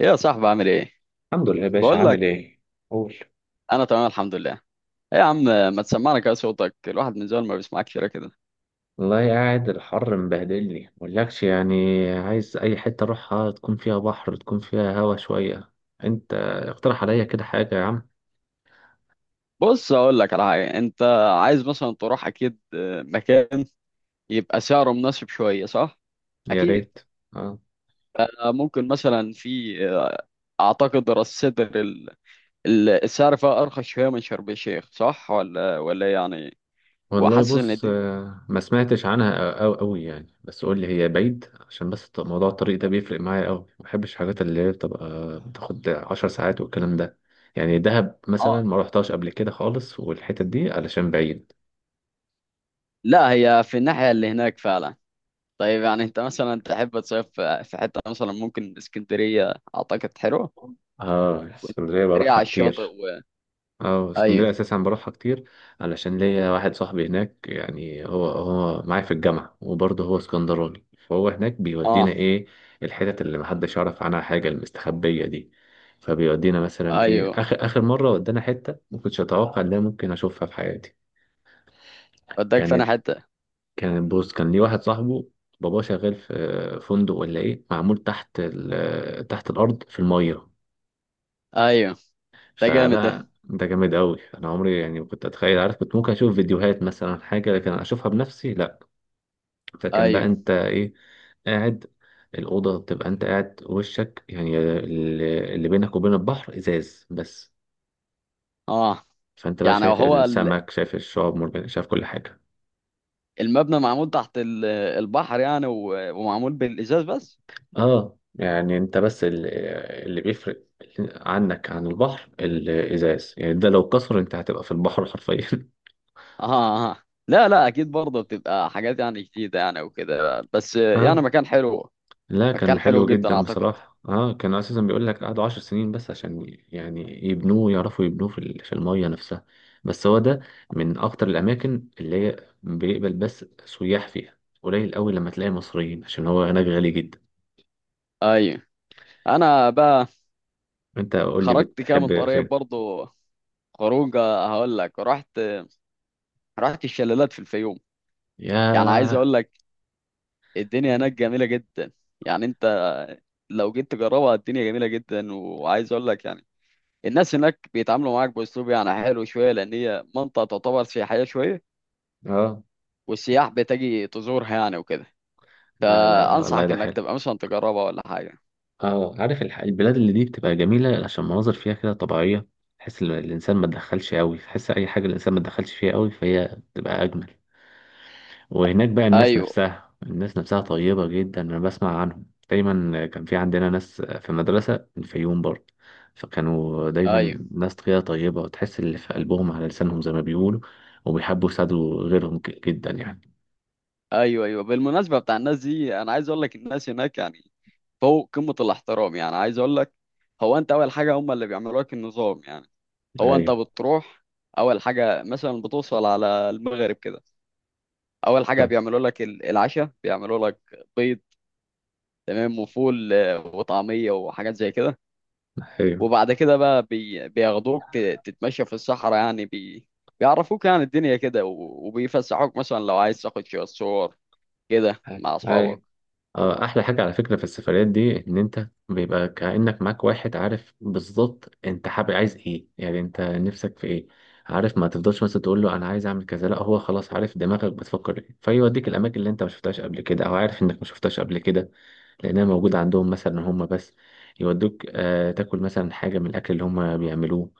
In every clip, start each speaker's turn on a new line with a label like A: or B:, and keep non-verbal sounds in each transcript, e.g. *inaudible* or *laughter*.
A: ايه يا صاحبي عامل ايه؟
B: الحمد لله يا باشا،
A: بقول لك،
B: عامل ايه؟ قول.
A: انا تمام الحمد لله. ايه يا عم، ما تسمعنا كده صوتك، الواحد من زمان ما بيسمعك كده كده.
B: والله قاعد، الحر مبهدلني مقولكش يعني. عايز اي حتة اروحها تكون فيها بحر، تكون فيها هوا شوية. انت اقترح عليا كده حاجة يا عم.
A: بص اقول لك على حاجه، انت عايز مثلا تروح اكيد مكان يبقى سعره مناسب شويه صح؟
B: يا
A: اكيد.
B: ريت. اه.
A: ممكن مثلا في اعتقد راس سدر السعر فيها ارخص شويه من شرم الشيخ، صح ولا إيه يعني؟
B: والله
A: وحاسس ان
B: بص،
A: دي،
B: ما سمعتش عنها أو أوي يعني، بس قول لي هي بعيد عشان بس موضوع الطريق ده بيفرق معايا أوي، ما بحبش الحاجات اللي هي بتبقى بتاخد 10 ساعات والكلام ده. يعني دهب مثلا
A: اه،
B: ما رحتهاش قبل كده خالص، والحتت دي علشان بعيد.
A: لا هي في الناحيه اللي هناك فعلا. طيب يعني انت مثلا تحب تصيف في حته، مثلا ممكن اسكندريه اعتقد حلوه.
B: اه اسكندرية
A: واسكندريه
B: بروحها
A: على الشاطئ
B: كتير.
A: و...
B: اه
A: ايوه،
B: اسكندرية اساسا بروحها كتير، علشان ليا واحد صاحبي هناك، يعني هو معايا في الجامعة وبرضه هو اسكندراني، فهو هناك بيودينا
A: اه،
B: ايه، الحتت اللي محدش يعرف عنها حاجة المستخبية دي. فبيودينا مثلا ايه
A: ايوه.
B: اخر اخر مرة ودانا حتة ما كنتش اتوقع ان انا ممكن اشوفها في حياتي.
A: وداك فانا
B: كانت
A: حته.
B: كان بص كان ليه واحد صاحبه باباه شغال في فندق ولا ايه، معمول تحت تحت الارض في المية.
A: ايوه، ده جامد ده.
B: فلا ده جامد قوي، انا عمري يعني ما كنت اتخيل، عارف كنت ممكن اشوف فيديوهات مثلا حاجه لكن اشوفها بنفسي لا. فكان بقى
A: ايوه،
B: انت ايه، قاعد. الاوضه بتبقى انت قاعد وشك يعني اللي بينك وبين البحر ازاز بس.
A: اه.
B: فانت بقى
A: يعني
B: شايف
A: هو
B: السمك، شايف الشعاب مرجانيه، شايف كل حاجه.
A: المبنى معمول تحت البحر، يعني ومعمول بالازاز بس.
B: اه يعني انت بس اللي بيفرق عنك عن البحر الازاز، يعني ده لو كسر انت هتبقى في البحر حرفيا.
A: اه، اه، لا، لا، اكيد برضه بتبقى حاجات يعني جديده يعني وكده، بس يعني
B: *laughs*
A: مكان حلو.
B: لا كان
A: مكان حلو
B: حلو
A: جدا
B: جدا
A: اعتقد.
B: بصراحة، اه كان اساسا بيقول لك قعدوا 10 سنين بس عشان يعني يبنوه، يعرفوا يبنوه في في المية نفسها. بس هو ده من اكتر الاماكن اللي هي بيقبل بس سياح فيها، قليل قوي لما تلاقي مصريين عشان هو هناك غالي جدا.
A: ايوه، انا بقى
B: انت قول لي
A: خرجت كده من
B: بتحب فين.
A: قريب برضه خروجه، هقول لك. رحت الشلالات في الفيوم. يعني عايز
B: ياه.
A: اقول لك، الدنيا هناك جميله جدا. يعني انت لو جيت تجربها الدنيا جميله جدا، وعايز اقول لك يعني الناس هناك بيتعاملوا معاك باسلوب يعني حلو شويه، لان هي منطقه تعتبر سياحيه شويه
B: اه.
A: والسياح بتجي تزورها يعني وكده.
B: لا لا والله
A: فانصحك
B: ده
A: انك
B: حلو.
A: تبقى مثلا تجربها ولا حاجه.
B: اه عارف البلاد اللي دي بتبقى جميلة عشان مناظر فيها كده طبيعية، تحس الإنسان ما تدخلش قوي، تحس أي حاجة الإنسان ما تدخلش فيها قوي فهي بتبقى أجمل. وهناك بقى الناس
A: ايوه،
B: نفسها، الناس نفسها طيبة جدا. أنا بسمع عنهم دايما، كان في عندنا ناس في المدرسة من الفيوم برضه. فكانوا دايما
A: ايوه،
B: ناس كده طيبة، وتحس اللي في قلبهم على لسانهم زي ما بيقولوا. وبيحبوا يساعدوا غيرهم جدا يعني.
A: ايوه، ايوه. بالمناسبه بتاع الناس دي، انا عايز اقول لك الناس هناك يعني فوق قمة الاحترام. يعني عايز اقول لك، هو انت اول حاجة هم اللي بيعملوا لك النظام. يعني هو انت
B: أيوه.
A: بتروح، اول حاجة مثلا بتوصل على المغرب كده، اول حاجة
B: ده-
A: بيعملوا لك العشاء، بيعملوا لك بيض تمام وفول وطعمية وحاجات زي كده.
B: أيوه.
A: وبعد كده بقى بياخدوك تتمشى في الصحراء، يعني بيعرفوك يعني الدنيا كده، وبيفسحوك مثلا لو عايز تاخد شوية صور كده مع اصحابك.
B: أيوه. احلى حاجة على فكرة في السفريات دي ان انت بيبقى كأنك معاك واحد عارف بالظبط انت حابب عايز ايه، يعني انت نفسك في ايه. عارف ما تفضلش مثلا تقول له انا عايز اعمل كذا، لا هو خلاص عارف دماغك بتفكر ايه، فيوديك الاماكن اللي انت ما شفتهاش قبل كده، او عارف انك ما شفتهاش قبل كده لانها موجودة عندهم مثلا هم بس. يودوك آه تاكل مثلا حاجة من الاكل اللي هم بيعملوه،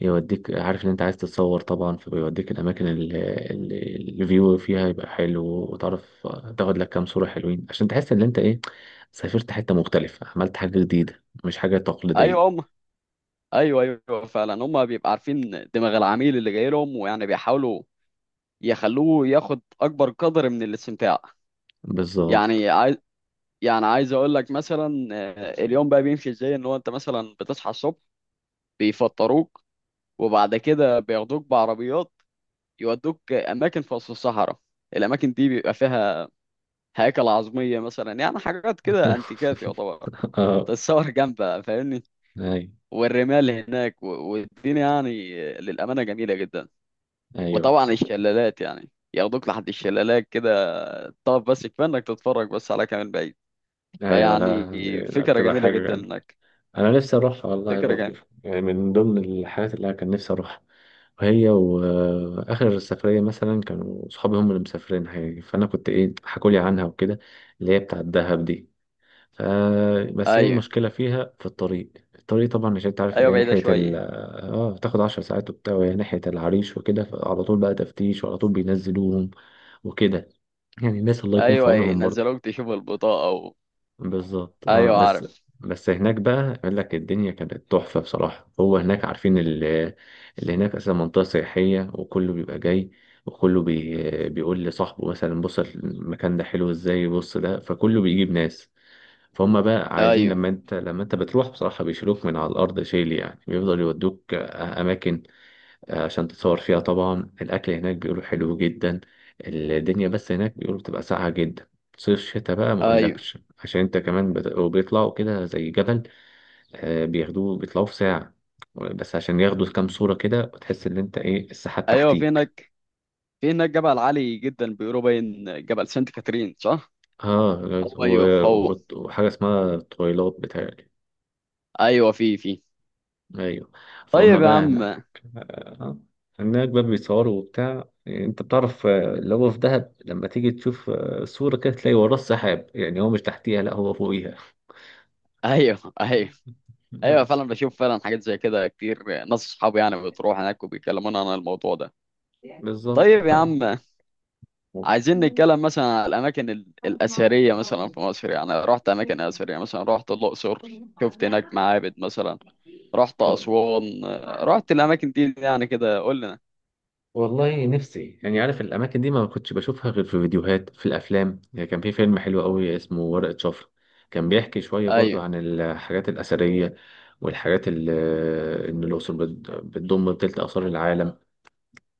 B: يوديك عارف ان انت عايز تتصور طبعا، فبيوديك الاماكن اللي الفيو فيها يبقى حلو، وتعرف تاخد لك كام صورة حلوين عشان تحس ان انت ايه سافرت حتة مختلفة، عملت حاجة جديدة مش حاجة
A: ايوه
B: تقليدية.
A: هم، ايوه، ايوه فعلا. هم بيبقى عارفين دماغ العميل اللي جاي لهم، ويعني بيحاولوا يخلوه ياخد اكبر قدر من الاستمتاع.
B: بالظبط.
A: يعني عايز يعني عايز اقول لك مثلا اليوم بقى بيمشي ازاي، ان هو انت مثلا بتصحى الصبح بيفطروك، وبعد كده بياخدوك بعربيات يودوك اماكن في وسط الصحراء. الاماكن دي بيبقى فيها هياكل عظميه مثلا، يعني حاجات كده انتيكات
B: *laughs*
A: يعتبر،
B: اه.
A: تتصور جنبها فاهمني.
B: ايوه.
A: والرمال هناك والدنيا يعني للامانه جميله جدا.
B: ايوه.
A: وطبعا الشلالات، يعني ياخدوك لحد الشلالات كده، طب بس كفايه انك تتفرج بس على كمان بعيد.
B: ايوه.
A: فيعني
B: لا لا
A: فكره
B: بتبقى
A: جميله
B: حاجة
A: جدا
B: جامدة،
A: انك،
B: انا نفسي اروحها والله
A: فكره
B: برضو.
A: جميله.
B: يعني من ضمن الحاجات اللي انا كان نفسي اروحها، هي واخر سفريه مثلا كانوا صحابي هم اللي مسافرين حقيقي، فانا كنت ايه حكولي عنها وكده، اللي هي بتاعه الدهب دي. ف- بس هي
A: ايوه،
B: المشكله فيها في الطريق، الطريق طبعا مش انت عارف اللي
A: ايوه
B: هي
A: بعيده
B: ناحيه ال.
A: شويه.
B: اه بتاخد 10 ساعات وبتاع، وهي ناحيه العريش وكده، فعلى طول بقى تفتيش وعلى طول بينزلوهم وكده. يعني الناس الله يكون في
A: ايوه
B: عونهم برضه.
A: ينزلوك تشوف البطاقه
B: بالظبط اه
A: ايوه
B: بس.
A: عارف.
B: بس هناك بقى يقول لك الدنيا كانت تحفة بصراحة. هو هناك عارفين اللي هناك أصلا منطقة سياحية، وكله بيبقى جاي، وكله بي بيقول لصاحبه مثلا بص المكان ده حلو ازاي، بص ده، فكله بيجيب ناس. فهم بقى عايزين
A: ايوه،
B: لما انت بتروح بصراحة بيشيلوك من على الأرض شيل، يعني بيفضل يودوك أماكن عشان تتصور فيها. طبعا الأكل هناك بيقولوا حلو جدا. الدنيا بس هناك بيقولوا بتبقى ساقعة جدا. صيف شتاء بقى ما
A: ايوه،
B: أقولكش، عشان أنت كمان وبيطلعوا كده زي جبل، بياخدوه بيطلعوا في ساعة بس عشان ياخدوا كام صورة كده وتحس إن أنت إيه السحاب
A: ايوه.
B: تحتيك.
A: في هناك جبل عالي جدا، بيقولوا باين جبل سانت كاترين صح؟
B: آه
A: هو، ايوه هو.
B: وحاجة اسمها تويلات بتاعي.
A: ايوه، في.
B: ايوه. فهم
A: طيب يا
B: بقى هناك.
A: عم.
B: آه، هناك بقى بيصوروا وبتاع، انت بتعرف اللي هو في دهب، لما تيجي تشوف صورة كده تلاقي وراه السحاب، يعني هو مش تحتيها لا هو فوقيها
A: *laughs* ايوه، ايوه، ايوه
B: بس.
A: فعلا، بشوف فعلا حاجات زي كده كتير، ناس اصحابي يعني بتروح هناك وبيكلمونا عن الموضوع ده.
B: بالظبط
A: طيب يا
B: طبعا.
A: عم،
B: و-
A: عايزين نتكلم مثلا على الأماكن الأثرية مثلا في مصر. يعني رحت أماكن أثرية مثلا، رحت الأقصر شفت هناك معابد مثلا، رحت أسوان، رحت الأماكن دي، يعني كده قول لنا.
B: والله نفسي، يعني عارف الاماكن دي ما كنتش بشوفها غير في فيديوهات، في الافلام يعني. كان في فيلم حلو قوي اسمه ورقة شفرة، كان بيحكي شوية برضو
A: أيوه،
B: عن الحاجات الأثرية والحاجات اللي إن الأقصر بتضم تلت آثار العالم،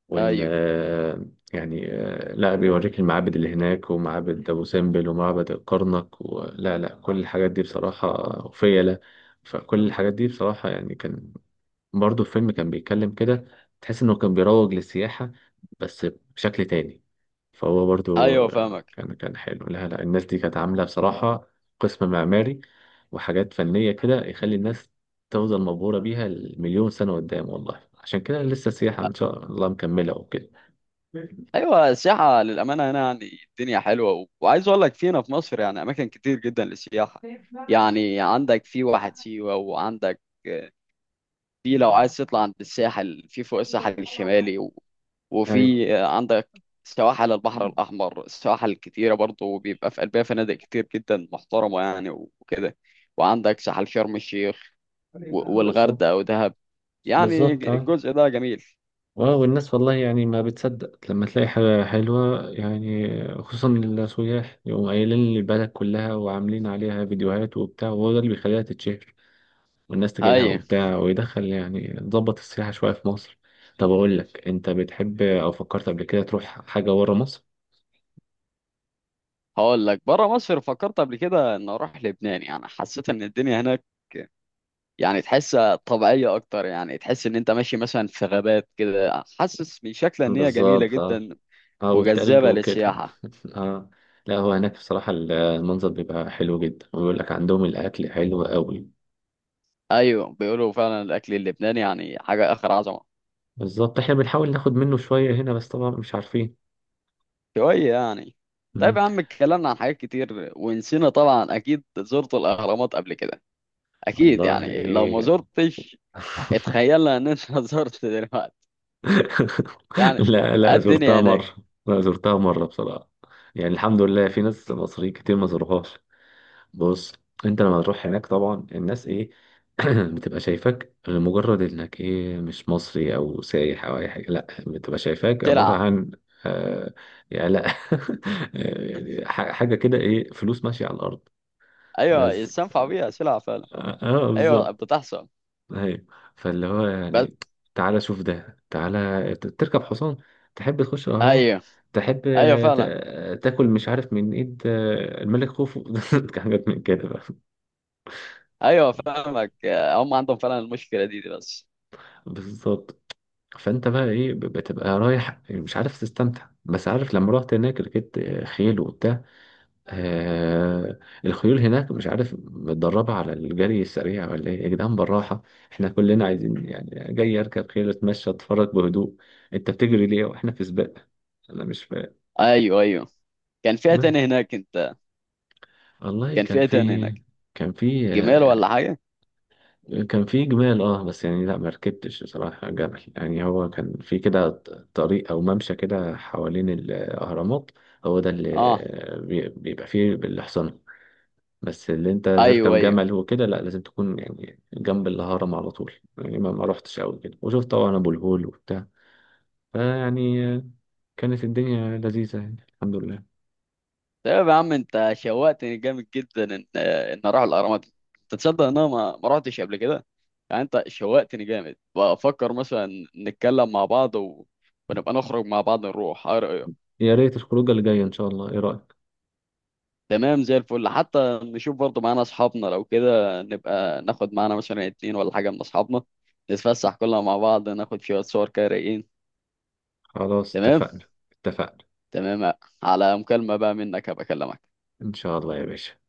B: وان
A: أيوه،
B: يعني لا بيوريك المعابد اللي هناك، ومعابد ابو سمبل ومعبد الكرنك ولا لا كل الحاجات دي بصراحه وفيله. فكل الحاجات دي بصراحه يعني كان، برضه الفيلم كان بيتكلم كده تحس انه كان بيروج للسياحة بس بشكل تاني. فهو برضه
A: أيوه فاهمك.
B: كان حلو، لا لا الناس دي كانت عاملة بصراحة قسم معماري وحاجات فنية كده يخلي الناس تفضل مبهورة بيها المليون سنة قدام، والله عشان كده لسه السياحة إن شاء الله مكملة وكده.
A: أيوه، السياحة للأمانة هنا يعني الدنيا حلوة، وعايز أقول لك فينا في مصر يعني أماكن كتير جدا للسياحة. يعني عندك في واحة سيوة، وعندك في، لو عايز تطلع عند الساحل في فوق الساحل الشمالي
B: أيوه
A: وفي عندك سواحل البحر الأحمر، سواحل كتيرة برضه بيبقى في قلبها فنادق كتير جدا محترمة يعني وكده. وعندك ساحل شرم الشيخ والغردقة
B: بالظبط.
A: ودهب. يعني
B: بالظبط أه.
A: الجزء ده جميل.
B: اه والناس والله يعني ما بتصدق لما تلاقي حاجة حلوة يعني، خصوصا السياح يقوموا قايلين البلد كلها وعاملين عليها فيديوهات وبتاع، وهو ده اللي بيخليها تتشهر والناس تجيلها
A: هاي،
B: وبتاع، ويدخل يعني ضبط السياحة شوية في مصر. طب أقول لك، أنت بتحب أو فكرت قبل كده تروح حاجة ورا مصر؟
A: هقول لك بره مصر فكرت قبل كده ان اروح لبنان. يعني حسيت ان الدنيا هناك، يعني تحس طبيعية اكتر، يعني تحس ان انت ماشي مثلا في غابات كده، حاسس من شكلها ان هي جميلة
B: بالظبط اه.
A: جدا
B: اه والتلج
A: وجذابة
B: وكده.
A: للسياحة.
B: *laughs* اه. لا هو هناك بصراحة المنظر بيبقى حلو جدا، ويقول لك عندهم الأكل حلو قوي.
A: أيوة، بيقولوا فعلا الأكل اللبناني يعني حاجة آخر عظمة.
B: بالظبط احنا بنحاول ناخد منه شوية هنا بس طبعا مش عارفين.
A: شوية يعني. طيب
B: مم.
A: يا عم، اتكلمنا عن حاجات كتير ونسينا. طبعا أكيد زرت الأهرامات قبل كده، أكيد
B: والله.
A: يعني لو ما زرتش.
B: *laughs*
A: اتخيلنا إن أنت *laughs* زرت دلوقتي يعني.
B: لا
A: إيه
B: لا
A: الدنيا
B: زرتها مرة.
A: هناك؟
B: لا زرتها مرة بصراحة. يعني الحمد لله في ناس مصريين كتير ما زوروهاش. بص انت لما تروح هناك طبعا الناس ايه، *clears throat* بتبقى شايفاك لمجرد انك ايه مش مصري او سايح او اي حاجة، لا بتبقى شايفاك عبارة
A: سلعة.
B: عن آه. يعني لا. *laughs* يعني حاجة كده ايه فلوس ماشية على الأرض
A: أيوة،
B: بس.
A: يستنفع بيها سلعة فعلا.
B: اه
A: أيوة
B: بالظبط.
A: بتحصل.
B: ايوه فاللي هو
A: بس،
B: يعني، تعالى شوف ده، تعالى تركب حصان، تحب تخش الاهرامات،
A: أيوة،
B: تحب
A: أيوة فعلا.
B: تاكل مش عارف من ايد الملك خوفو. *laughs* حاجات من كده بقى.
A: أيوة فاهمك. هم عندهم فعلا المشكلة دي، دي بس.
B: بالظبط. فانت بقى ايه بتبقى رايح مش عارف تستمتع، بس عارف لما رحت هناك ركبت خيل وبتاع آه. الخيول هناك مش عارف متدربة على الجري السريع ولا ايه يا جدعان، بالراحة، احنا كلنا عايزين يعني، جاي اركب خيل اتمشى اتفرج بهدوء، انت بتجري ليه واحنا في سباق، انا مش فاهم.
A: أيوة، أيوة. كان فيها تاني
B: بس.
A: هناك أنت؟
B: والله
A: كان
B: كان
A: فيها تاني
B: في
A: هناك
B: كان في
A: جمال ولا
B: آه،
A: حاجه؟
B: كان في جمال. اه بس يعني لا ما ركبتش بصراحة جبل. يعني هو كان في كده طريق او ممشى كده حوالين الاهرامات، هو ده اللي
A: اه،
B: بيبقى فيه الحصان. بس اللي انت
A: ايوه،
B: تركب
A: ايوه.
B: جمل وكده لا لازم تكون يعني جنب الهرم على طول، يعني ما رحتش قوي كده. وشفت طبعا ابو الهول وبتاع. فيعني كانت الدنيا لذيذة يعني الحمد لله.
A: طيب يا عم، انت شوقتني جامد جدا ان اروح الاهرامات. انت تصدق ان انا ما رحتش قبل كده؟ يعني انت شوقتني جامد، بفكر مثلا نتكلم مع بعض ونبقى نخرج مع بعض نروح، ايه رايك؟
B: يا ريت الخروجة اللي جاية ان شاء الله، ايه رأيك.
A: تمام زي الفل، حتى نشوف برضه معانا اصحابنا، لو كده نبقى ناخد معانا مثلا اتنين ولا حاجه من اصحابنا، نتفسح كلنا مع بعض ناخد شويه صور كده رايقين.
B: خلاص
A: تمام،
B: اتفقنا اتفقنا.
A: تمام. على مكالمه بقى منك، هبقى اكلمك.
B: ان شاء الله يا باشا.